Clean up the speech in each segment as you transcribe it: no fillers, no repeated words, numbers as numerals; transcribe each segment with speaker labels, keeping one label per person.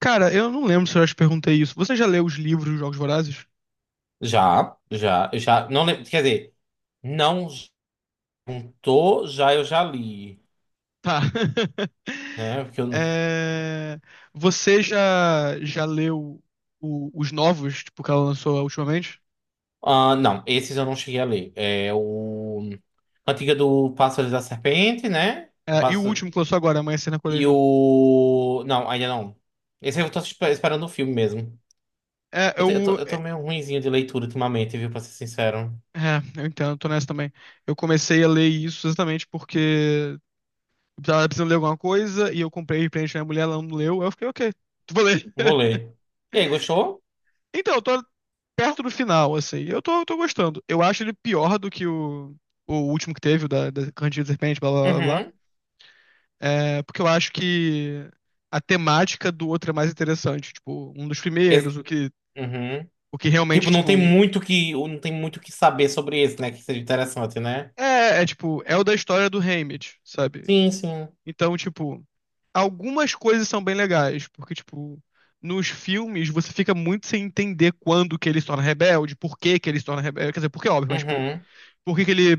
Speaker 1: Cara, eu não lembro se eu já te perguntei isso. Você já leu os livros dos Jogos Vorazes?
Speaker 2: Já, já, eu já, não lembro, quer dizer, não juntou, já eu já li,
Speaker 1: Tá.
Speaker 2: né? Porque eu não.
Speaker 1: É, você já, leu os novos, tipo, que ela lançou ultimamente?
Speaker 2: Ah, não, esses eu não cheguei a ler. É o Cantiga do Pássaro e da Serpente, né? O
Speaker 1: É, e o
Speaker 2: Pássaro...
Speaker 1: último que lançou agora, Amanhecer na
Speaker 2: E
Speaker 1: Colheita?
Speaker 2: o. Não, ainda não. Esse eu tô esperando o filme mesmo.
Speaker 1: É,
Speaker 2: Eu, te- eu tô,
Speaker 1: eu.
Speaker 2: eu tô
Speaker 1: É,
Speaker 2: meio ruinzinho de leitura ultimamente, viu? Pra ser sincero.
Speaker 1: é, eu entendo, tô nessa também. Eu comecei a ler isso exatamente porque eu tava precisando ler alguma coisa e eu comprei de presente pra minha mulher, ela não leu. Aí eu fiquei, ok, vou ler.
Speaker 2: Vou ler. E aí, gostou?
Speaker 1: Então, eu tô perto do final, assim. Eu tô gostando. Eu acho ele pior do que o último que teve, o da Candida de Serpente, blá blá blá, blá.
Speaker 2: Uhum.
Speaker 1: É, porque eu acho que a temática do outro é mais interessante. Tipo, um dos primeiros,
Speaker 2: Esse... Uhum.
Speaker 1: o que realmente,
Speaker 2: Tipo,
Speaker 1: tipo.
Speaker 2: não tem muito que saber sobre esse, né? Que seja interessante, né?
Speaker 1: É, é tipo, é o da história do Haymitch, sabe?
Speaker 2: Sim, sim.
Speaker 1: Então, tipo, algumas coisas são bem legais, porque, tipo, nos filmes você fica muito sem entender quando que ele se torna rebelde, por que que ele se torna rebelde. Quer dizer, porque é óbvio, mas, tipo,
Speaker 2: Uhum.
Speaker 1: por que que ele.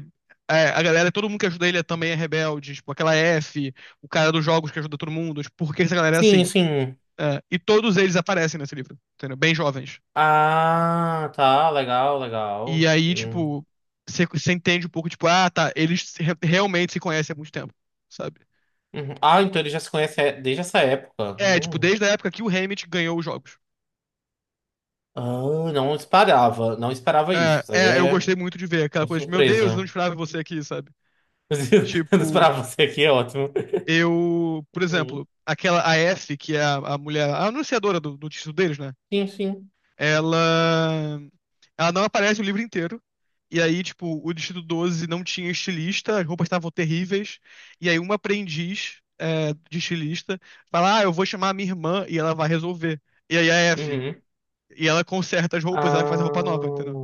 Speaker 1: É, a galera, todo mundo que ajuda ele também é rebelde, tipo, aquela F, o cara dos jogos que ajuda todo mundo, tipo, por que essa galera é
Speaker 2: Sim,
Speaker 1: assim?
Speaker 2: sim.
Speaker 1: É, e todos eles aparecem nesse livro, entendeu? Bem jovens.
Speaker 2: Ah, tá. Legal,
Speaker 1: E
Speaker 2: legal.
Speaker 1: aí,
Speaker 2: Hum.
Speaker 1: tipo, você entende um pouco, tipo, ah, tá, eles realmente se conhecem há muito tempo, sabe?
Speaker 2: Uhum. Ah, então ele já se conhece desde essa época.
Speaker 1: É, tipo,
Speaker 2: Hum.
Speaker 1: desde a época que o Hammett ganhou os jogos.
Speaker 2: Ah, não esperava. Não esperava isso.
Speaker 1: É,
Speaker 2: Isso aí
Speaker 1: é, eu
Speaker 2: é,
Speaker 1: gostei muito de ver aquela
Speaker 2: é
Speaker 1: coisa de, meu Deus, eu não
Speaker 2: surpresa.
Speaker 1: esperava você aqui, sabe?
Speaker 2: Não
Speaker 1: Tipo,
Speaker 2: esperava você aqui, é ótimo.
Speaker 1: eu, por
Speaker 2: Uhum.
Speaker 1: exemplo, aquela, a F, que é a mulher, a anunciadora do título deles, né?
Speaker 2: Sim, sim.
Speaker 1: ela ela não aparece o livro inteiro. E aí, tipo, o Distrito 12 não tinha estilista, as roupas estavam terríveis. E aí, uma aprendiz é, de estilista fala: "Ah, eu vou chamar a minha irmã e ela vai resolver." E aí, a F.
Speaker 2: Uhum.
Speaker 1: E ela conserta as roupas, ela faz a roupa nova,
Speaker 2: Ah,
Speaker 1: entendeu?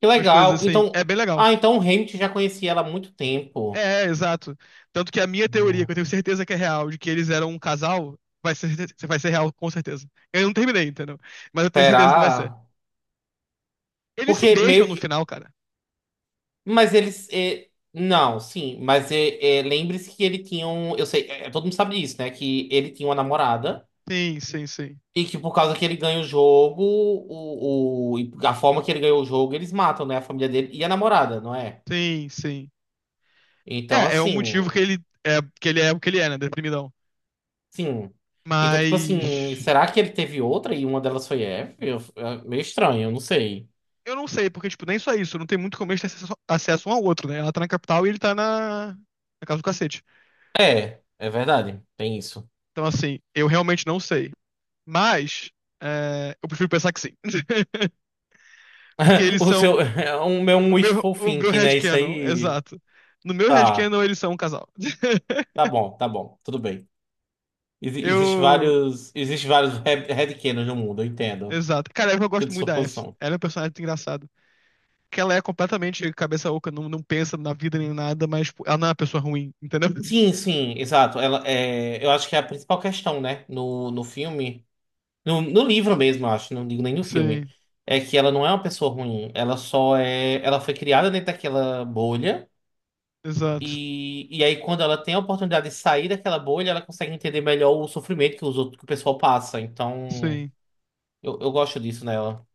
Speaker 2: que
Speaker 1: Umas coisas
Speaker 2: legal.
Speaker 1: assim.
Speaker 2: Então,
Speaker 1: É bem legal.
Speaker 2: ah, então o Hamilton já conhecia ela há muito tempo.
Speaker 1: É, é, exato. Tanto que a minha teoria, que eu
Speaker 2: Hum.
Speaker 1: tenho certeza que é real, de que eles eram um casal, vai ser real, com certeza. Eu não terminei, entendeu? Mas eu tenho certeza que vai ser.
Speaker 2: Será?
Speaker 1: Eles se
Speaker 2: Porque
Speaker 1: beijam
Speaker 2: meio
Speaker 1: no
Speaker 2: que.
Speaker 1: final, cara.
Speaker 2: Mas eles. Não, sim, mas é, lembre-se que ele tinha um. Eu sei, é, todo mundo sabe disso, né? Que ele tinha uma namorada
Speaker 1: Sim, sim, sim.
Speaker 2: e que por causa que ele ganha o jogo, o e a forma que ele ganhou o jogo, eles matam, né? A família dele e a namorada, não é?
Speaker 1: Sim, sim.
Speaker 2: Então,
Speaker 1: É, é o motivo
Speaker 2: assim.
Speaker 1: que ele é o que ele é, né? Deprimidão.
Speaker 2: Sim. Então, tipo assim,
Speaker 1: Mas
Speaker 2: será que ele teve outra e uma delas foi é meio estranho, eu não sei.
Speaker 1: eu não sei, porque, tipo, nem só isso, não tem muito como eles terem acesso, acesso um ao outro, né? Ela tá na capital e ele tá na casa do cacete.
Speaker 2: É, é verdade, tem isso.
Speaker 1: Então, assim, eu realmente não sei. Mas é, eu prefiro pensar que sim. Porque eles
Speaker 2: O
Speaker 1: são.
Speaker 2: seu. É um meu um
Speaker 1: O meu,
Speaker 2: wishful
Speaker 1: o meu
Speaker 2: thinking, né? Isso
Speaker 1: headcanon,
Speaker 2: aí.
Speaker 1: exato. No meu
Speaker 2: Tá,
Speaker 1: headcanon, eles são um casal.
Speaker 2: tá bom, tudo bem. Existe
Speaker 1: Eu.
Speaker 2: vários, headcanons no mundo, eu entendo.
Speaker 1: Exato. Cara, eu gosto
Speaker 2: Sinto
Speaker 1: muito
Speaker 2: sua
Speaker 1: da F.
Speaker 2: posição.
Speaker 1: Ela é um personagem engraçado. Que ela é completamente cabeça oca, não, não pensa na vida nem nada, mas tipo, ela não é uma pessoa ruim, entendeu?
Speaker 2: Sim, sim, exato. Ela, é, eu acho que é a principal questão, né? No filme, no livro mesmo, eu acho, não digo nem no filme,
Speaker 1: Sim,
Speaker 2: é que ela não é uma pessoa ruim. Ela só é, ela foi criada dentro daquela bolha
Speaker 1: exato.
Speaker 2: e aí quando ela tem a oportunidade de sair daquela bolha, ela consegue entender melhor o sofrimento que os outros, que o pessoal passa. Então,
Speaker 1: Sim.
Speaker 2: eu gosto disso nela.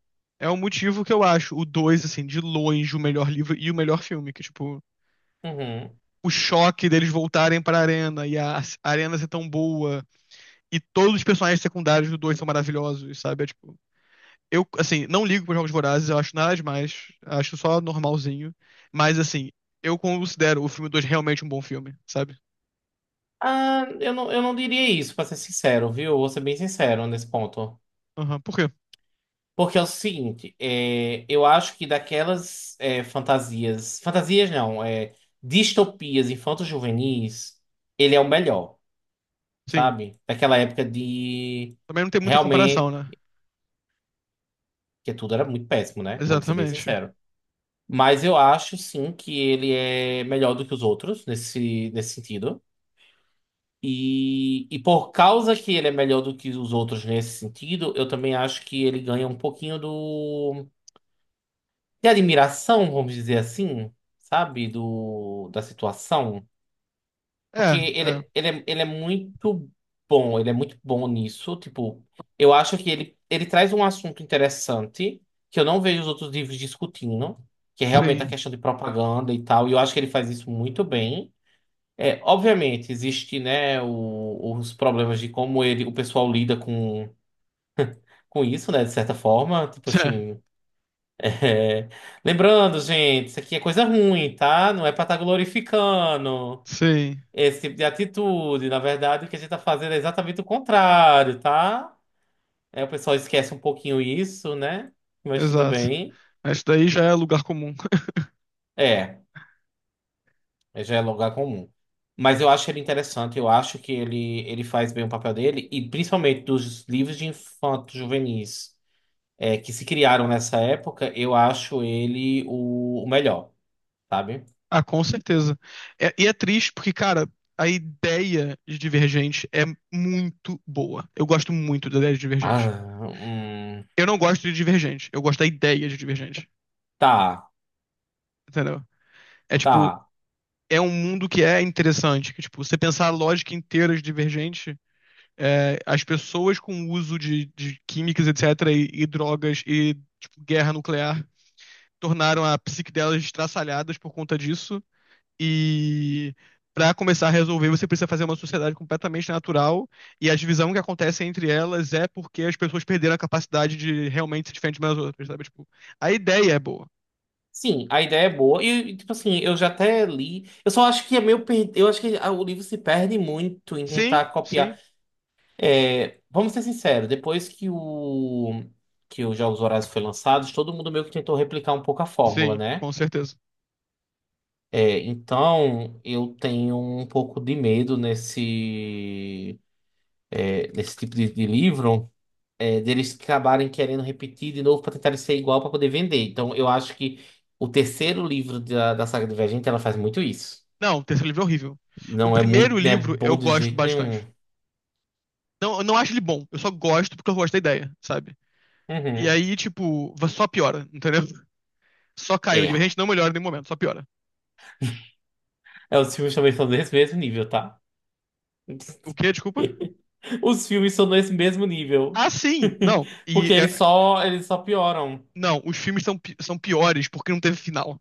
Speaker 1: É o motivo que eu acho o 2 assim, de longe, o melhor livro e o melhor filme, que, tipo,
Speaker 2: Uhum.
Speaker 1: o choque deles voltarem pra arena e a arena ser tão boa e todos os personagens secundários do 2 são maravilhosos, sabe? É tipo, eu, assim, não ligo pros Jogos Vorazes, eu acho nada demais, acho só normalzinho, mas, assim, eu considero o filme 2 realmente um bom filme, sabe?
Speaker 2: Ah, eu não diria isso, pra ser sincero, viu? Vou ser bem sincero nesse ponto.
Speaker 1: Aham, por quê?
Speaker 2: Porque é o seguinte, é, eu acho que daquelas é, fantasias. Fantasias não, é, distopias infanto-juvenis, ele é o melhor,
Speaker 1: Sim.
Speaker 2: sabe? Daquela época de.
Speaker 1: Também não tem muita comparação,
Speaker 2: Realmente.
Speaker 1: né?
Speaker 2: Que tudo era muito péssimo, né? Vamos ser bem
Speaker 1: Exatamente.
Speaker 2: sinceros. Mas eu acho, sim, que ele é melhor do que os outros, nesse sentido. E por causa que ele é melhor do que os outros nesse sentido, eu também acho que ele ganha um pouquinho do de admiração, vamos dizer assim, sabe? Do, da situação.
Speaker 1: É,
Speaker 2: Porque
Speaker 1: é,
Speaker 2: ele ele é muito bom, ele é muito bom nisso. Tipo, eu acho que ele traz um assunto interessante que eu não vejo os outros livros discutindo, que é realmente a
Speaker 1: sim.
Speaker 2: questão de propaganda e tal. E eu acho que ele faz isso muito bem. É, obviamente, existe, né, os problemas de como ele, o pessoal lida com isso, né, de certa forma. Tipo
Speaker 1: É,
Speaker 2: assim, é, lembrando, gente, isso aqui é coisa ruim, tá? Não é pra estar glorificando
Speaker 1: sim,
Speaker 2: esse tipo de atitude. Na verdade, o que a gente tá fazendo é exatamente o contrário, tá? É, o pessoal esquece um pouquinho isso, né? Mas tudo
Speaker 1: exato.
Speaker 2: bem.
Speaker 1: Mas isso daí já é lugar comum.
Speaker 2: É. É, já é lugar comum. Mas eu acho ele interessante, eu acho que ele faz bem o papel dele, e principalmente dos livros de infantos juvenis é, que se criaram nessa época, eu acho ele o melhor, sabe?
Speaker 1: Ah, com certeza. E é triste porque, cara, a ideia de Divergente é muito boa. Eu gosto muito da ideia de Divergente.
Speaker 2: Ah,
Speaker 1: Eu não gosto de Divergente, eu gosto da ideia de Divergente.
Speaker 2: tá,
Speaker 1: Entendeu? É tipo,
Speaker 2: tá.
Speaker 1: é um mundo que é interessante, que tipo, você pensar a lógica inteira de Divergente, é, as pessoas com o uso de químicas, etc, e drogas e tipo, guerra nuclear tornaram a psique delas estraçalhadas por conta disso e para começar a resolver, você precisa fazer uma sociedade completamente natural e a divisão que acontece entre elas é porque as pessoas perderam a capacidade de realmente se diferenciar umas das outras, sabe? Tipo, a ideia é boa.
Speaker 2: Sim, a ideia é boa. E, tipo assim, eu já até li. Eu só acho que é meio per... Eu acho que ah, o livro se perde muito em
Speaker 1: Sim,
Speaker 2: tentar copiar.
Speaker 1: sim,
Speaker 2: É, vamos ser sinceros, depois que o que os Jogos Vorazes foi lançado, todo mundo meio que tentou replicar um pouco a fórmula,
Speaker 1: sim,
Speaker 2: né?
Speaker 1: com certeza.
Speaker 2: É, então eu tenho um pouco de medo nesse é, nesse tipo de livro é, deles acabarem querendo repetir de novo para tentar ser igual para poder vender. Então eu acho que o terceiro livro da, da saga Divergente ela faz muito isso.
Speaker 1: Não, o terceiro livro é horrível. O primeiro
Speaker 2: Não é
Speaker 1: livro
Speaker 2: bom
Speaker 1: eu
Speaker 2: de
Speaker 1: gosto
Speaker 2: jeito nenhum.
Speaker 1: bastante. Não, eu não acho ele bom, eu só gosto porque eu gosto da ideia, sabe? E
Speaker 2: Uhum.
Speaker 1: aí, tipo, só piora, entendeu? Só caiu. A
Speaker 2: É.
Speaker 1: gente não melhora em nenhum momento, só piora.
Speaker 2: É, os filmes também são desse mesmo nível, tá?
Speaker 1: O quê? Desculpa?
Speaker 2: Os filmes são nesse mesmo nível.
Speaker 1: Ah, sim! Não. E
Speaker 2: Porque
Speaker 1: é,
Speaker 2: eles só pioram.
Speaker 1: não, os filmes são são piores porque não teve final.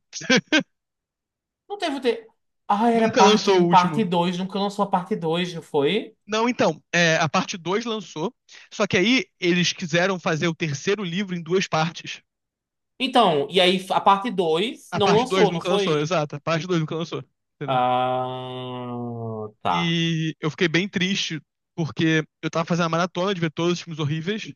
Speaker 2: Não teve. Te... Ah, era
Speaker 1: Nunca
Speaker 2: parte
Speaker 1: lançou o
Speaker 2: um parte
Speaker 1: último.
Speaker 2: 2. Nunca lançou a parte dois não foi?
Speaker 1: Não, então, é, a parte 2 lançou, só que aí eles quiseram fazer o terceiro livro em duas partes.
Speaker 2: Então, e aí a parte 2
Speaker 1: A
Speaker 2: não
Speaker 1: parte 2
Speaker 2: lançou, não
Speaker 1: nunca lançou,
Speaker 2: foi?
Speaker 1: exato. A parte 2 nunca lançou, entendeu?
Speaker 2: Ah, tá.
Speaker 1: E eu fiquei bem triste, porque eu tava fazendo a maratona de ver todos os filmes horríveis.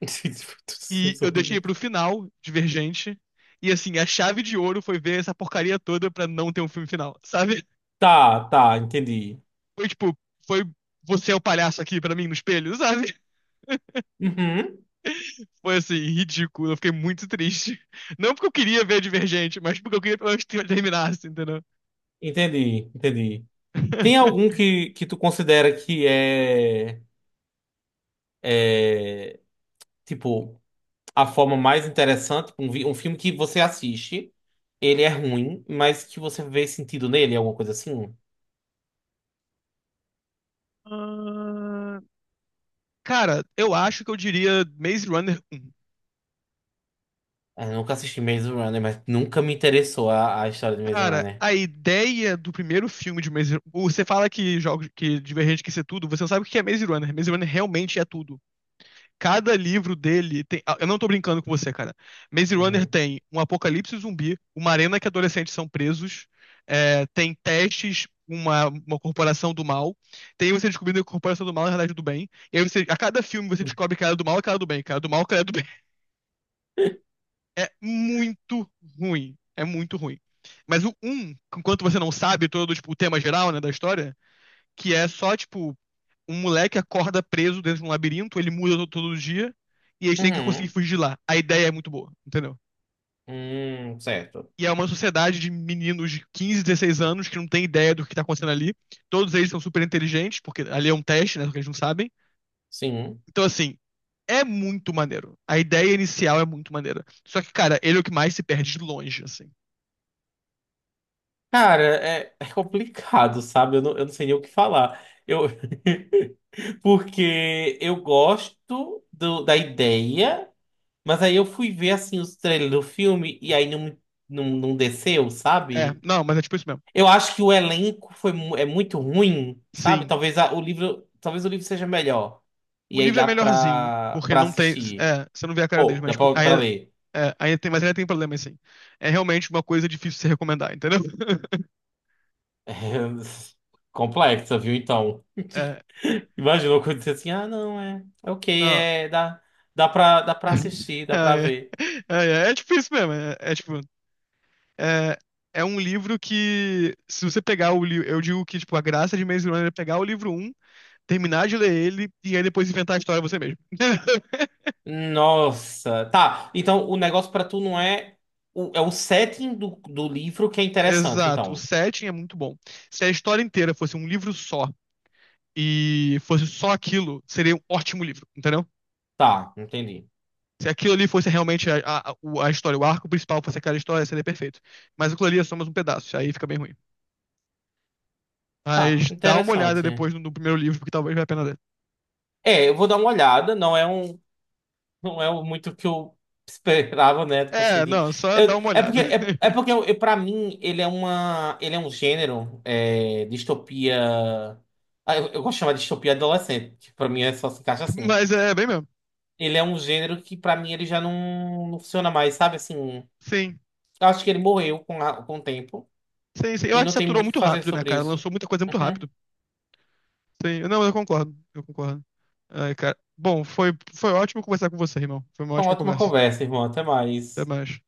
Speaker 1: E
Speaker 2: Filmes
Speaker 1: eu deixei
Speaker 2: horríveis.
Speaker 1: pro final, Divergente. E assim, a chave de ouro foi ver essa porcaria toda pra não ter um filme final, sabe?
Speaker 2: Tá, tá, entendi.
Speaker 1: Foi tipo, foi você é o palhaço aqui pra mim no espelho, sabe?
Speaker 2: Uhum,
Speaker 1: Foi assim, ridículo. Eu fiquei muito triste. Não porque eu queria ver Divergente, mas porque eu queria pelo menos que terminasse, entendeu?
Speaker 2: entendi, entendi. Tem algum que tu considera que é, é tipo. A forma mais interessante, um, um filme que você assiste, ele é ruim, mas que você vê sentido nele, alguma coisa assim.
Speaker 1: Ah, cara, eu acho que eu diria Maze Runner um.
Speaker 2: Ah, eu nunca assisti Maze Runner, mas nunca me interessou a história de Maze
Speaker 1: Cara,
Speaker 2: Runner.
Speaker 1: a ideia do primeiro filme de Você fala que jogos que Divergente quer ser tudo, você não sabe o que é Maze Runner. Maze Runner realmente é tudo. Cada livro dele tem. Ah, eu não tô brincando com você, cara. Maze Runner
Speaker 2: Uhum.
Speaker 1: tem um apocalipse zumbi, uma arena que adolescentes são presos, é, tem testes, uma corporação do mal. Tem você descobrindo que a corporação do mal é a realidade do bem. E aí você, a cada filme você descobre que ela é do mal, que ela é do bem, que ela é do mal, que ela é do é muito ruim. É muito ruim. Mas o um, enquanto você não sabe todo tipo, o tema geral, né, da história, que é só, tipo, um moleque acorda preso dentro de um labirinto, ele muda todo dia, e eles têm que conseguir
Speaker 2: Uhum.
Speaker 1: fugir de lá. A ideia é muito boa, entendeu?
Speaker 2: Certo.
Speaker 1: E é uma sociedade de meninos de 15, 16 anos que não tem ideia do que tá acontecendo ali. Todos eles são super inteligentes, porque ali é um teste, né, porque eles não sabem.
Speaker 2: Sim.
Speaker 1: Então, assim, é muito maneiro. A ideia inicial é muito maneira. Só que, cara, ele é o que mais se perde de longe, assim.
Speaker 2: Cara, é, é complicado, sabe? Eu não sei nem o que falar. Eu... Porque eu gosto da ideia, mas aí eu fui ver assim os trailers do filme e aí não, não desceu,
Speaker 1: É,
Speaker 2: sabe?
Speaker 1: não, mas é tipo isso mesmo.
Speaker 2: Eu acho que o elenco foi, é muito ruim, sabe?
Speaker 1: Sim.
Speaker 2: Talvez o livro, talvez o livro seja melhor.
Speaker 1: O
Speaker 2: E aí
Speaker 1: livro é
Speaker 2: dá
Speaker 1: melhorzinho,
Speaker 2: pra,
Speaker 1: porque
Speaker 2: pra
Speaker 1: não tem.
Speaker 2: assistir.
Speaker 1: É, você não vê a cara deles,
Speaker 2: Ou
Speaker 1: mas
Speaker 2: dá
Speaker 1: tipo,
Speaker 2: pra,
Speaker 1: aí,
Speaker 2: pra ler.
Speaker 1: é, aí tem, mas ainda tem problema sim. É realmente uma coisa difícil de se recomendar, entendeu?
Speaker 2: Complexa, viu? Então.
Speaker 1: É,
Speaker 2: Imagina eu dizer assim, ah, não, é. É ok,
Speaker 1: não.
Speaker 2: é. Dá, dá pra assistir, dá
Speaker 1: É,
Speaker 2: pra
Speaker 1: é,
Speaker 2: ver.
Speaker 1: ah, é, é tipo isso mesmo. É, é tipo. É, é um livro que, se você pegar o livro. Eu digo que, tipo, a graça de Maze Runner é pegar o livro um, terminar de ler ele e aí depois inventar a história você mesmo.
Speaker 2: Nossa. Tá, então o negócio pra tu não é. É o setting do, do livro que é interessante,
Speaker 1: Exato. O
Speaker 2: então.
Speaker 1: setting é muito bom. Se a história inteira fosse um livro só e fosse só aquilo, seria um ótimo livro, entendeu?
Speaker 2: Tá, entendi.
Speaker 1: Se aquilo ali fosse realmente a história, o arco principal fosse aquela história, seria perfeito. Mas aquilo ali é só mais um pedaço, aí fica bem ruim.
Speaker 2: Tá,
Speaker 1: Mas dá uma olhada
Speaker 2: interessante.
Speaker 1: depois no primeiro livro, porque talvez valha a pena ler.
Speaker 2: É, eu vou dar uma olhada. Não é um. Não é muito o que eu esperava, né? Tipo assim,
Speaker 1: É,
Speaker 2: de...
Speaker 1: não, só dá uma
Speaker 2: é porque,
Speaker 1: olhada.
Speaker 2: é, é porque eu, pra mim, ele é uma, ele é um gênero, é, distopia... Ah, eu gosto de chamar de distopia adolescente, que pra mim é só se encaixa assim.
Speaker 1: Mas é bem mesmo.
Speaker 2: Ele é um gênero que pra mim ele já não funciona mais, sabe? Assim, eu
Speaker 1: Sim,
Speaker 2: acho que ele morreu com, com o tempo
Speaker 1: sim, sim. Eu
Speaker 2: e
Speaker 1: acho que
Speaker 2: não tem
Speaker 1: saturou
Speaker 2: muito o que
Speaker 1: muito
Speaker 2: fazer
Speaker 1: rápido, né,
Speaker 2: sobre
Speaker 1: cara?
Speaker 2: isso.
Speaker 1: Lançou muita coisa muito
Speaker 2: Uhum.
Speaker 1: rápido. Sim, não, eu concordo, eu concordo. Ai, cara. Bom, foi, foi ótimo conversar com você, irmão. Foi uma
Speaker 2: Uma
Speaker 1: ótima
Speaker 2: ótima
Speaker 1: conversa.
Speaker 2: conversa, irmão. Até
Speaker 1: Até
Speaker 2: mais.
Speaker 1: mais.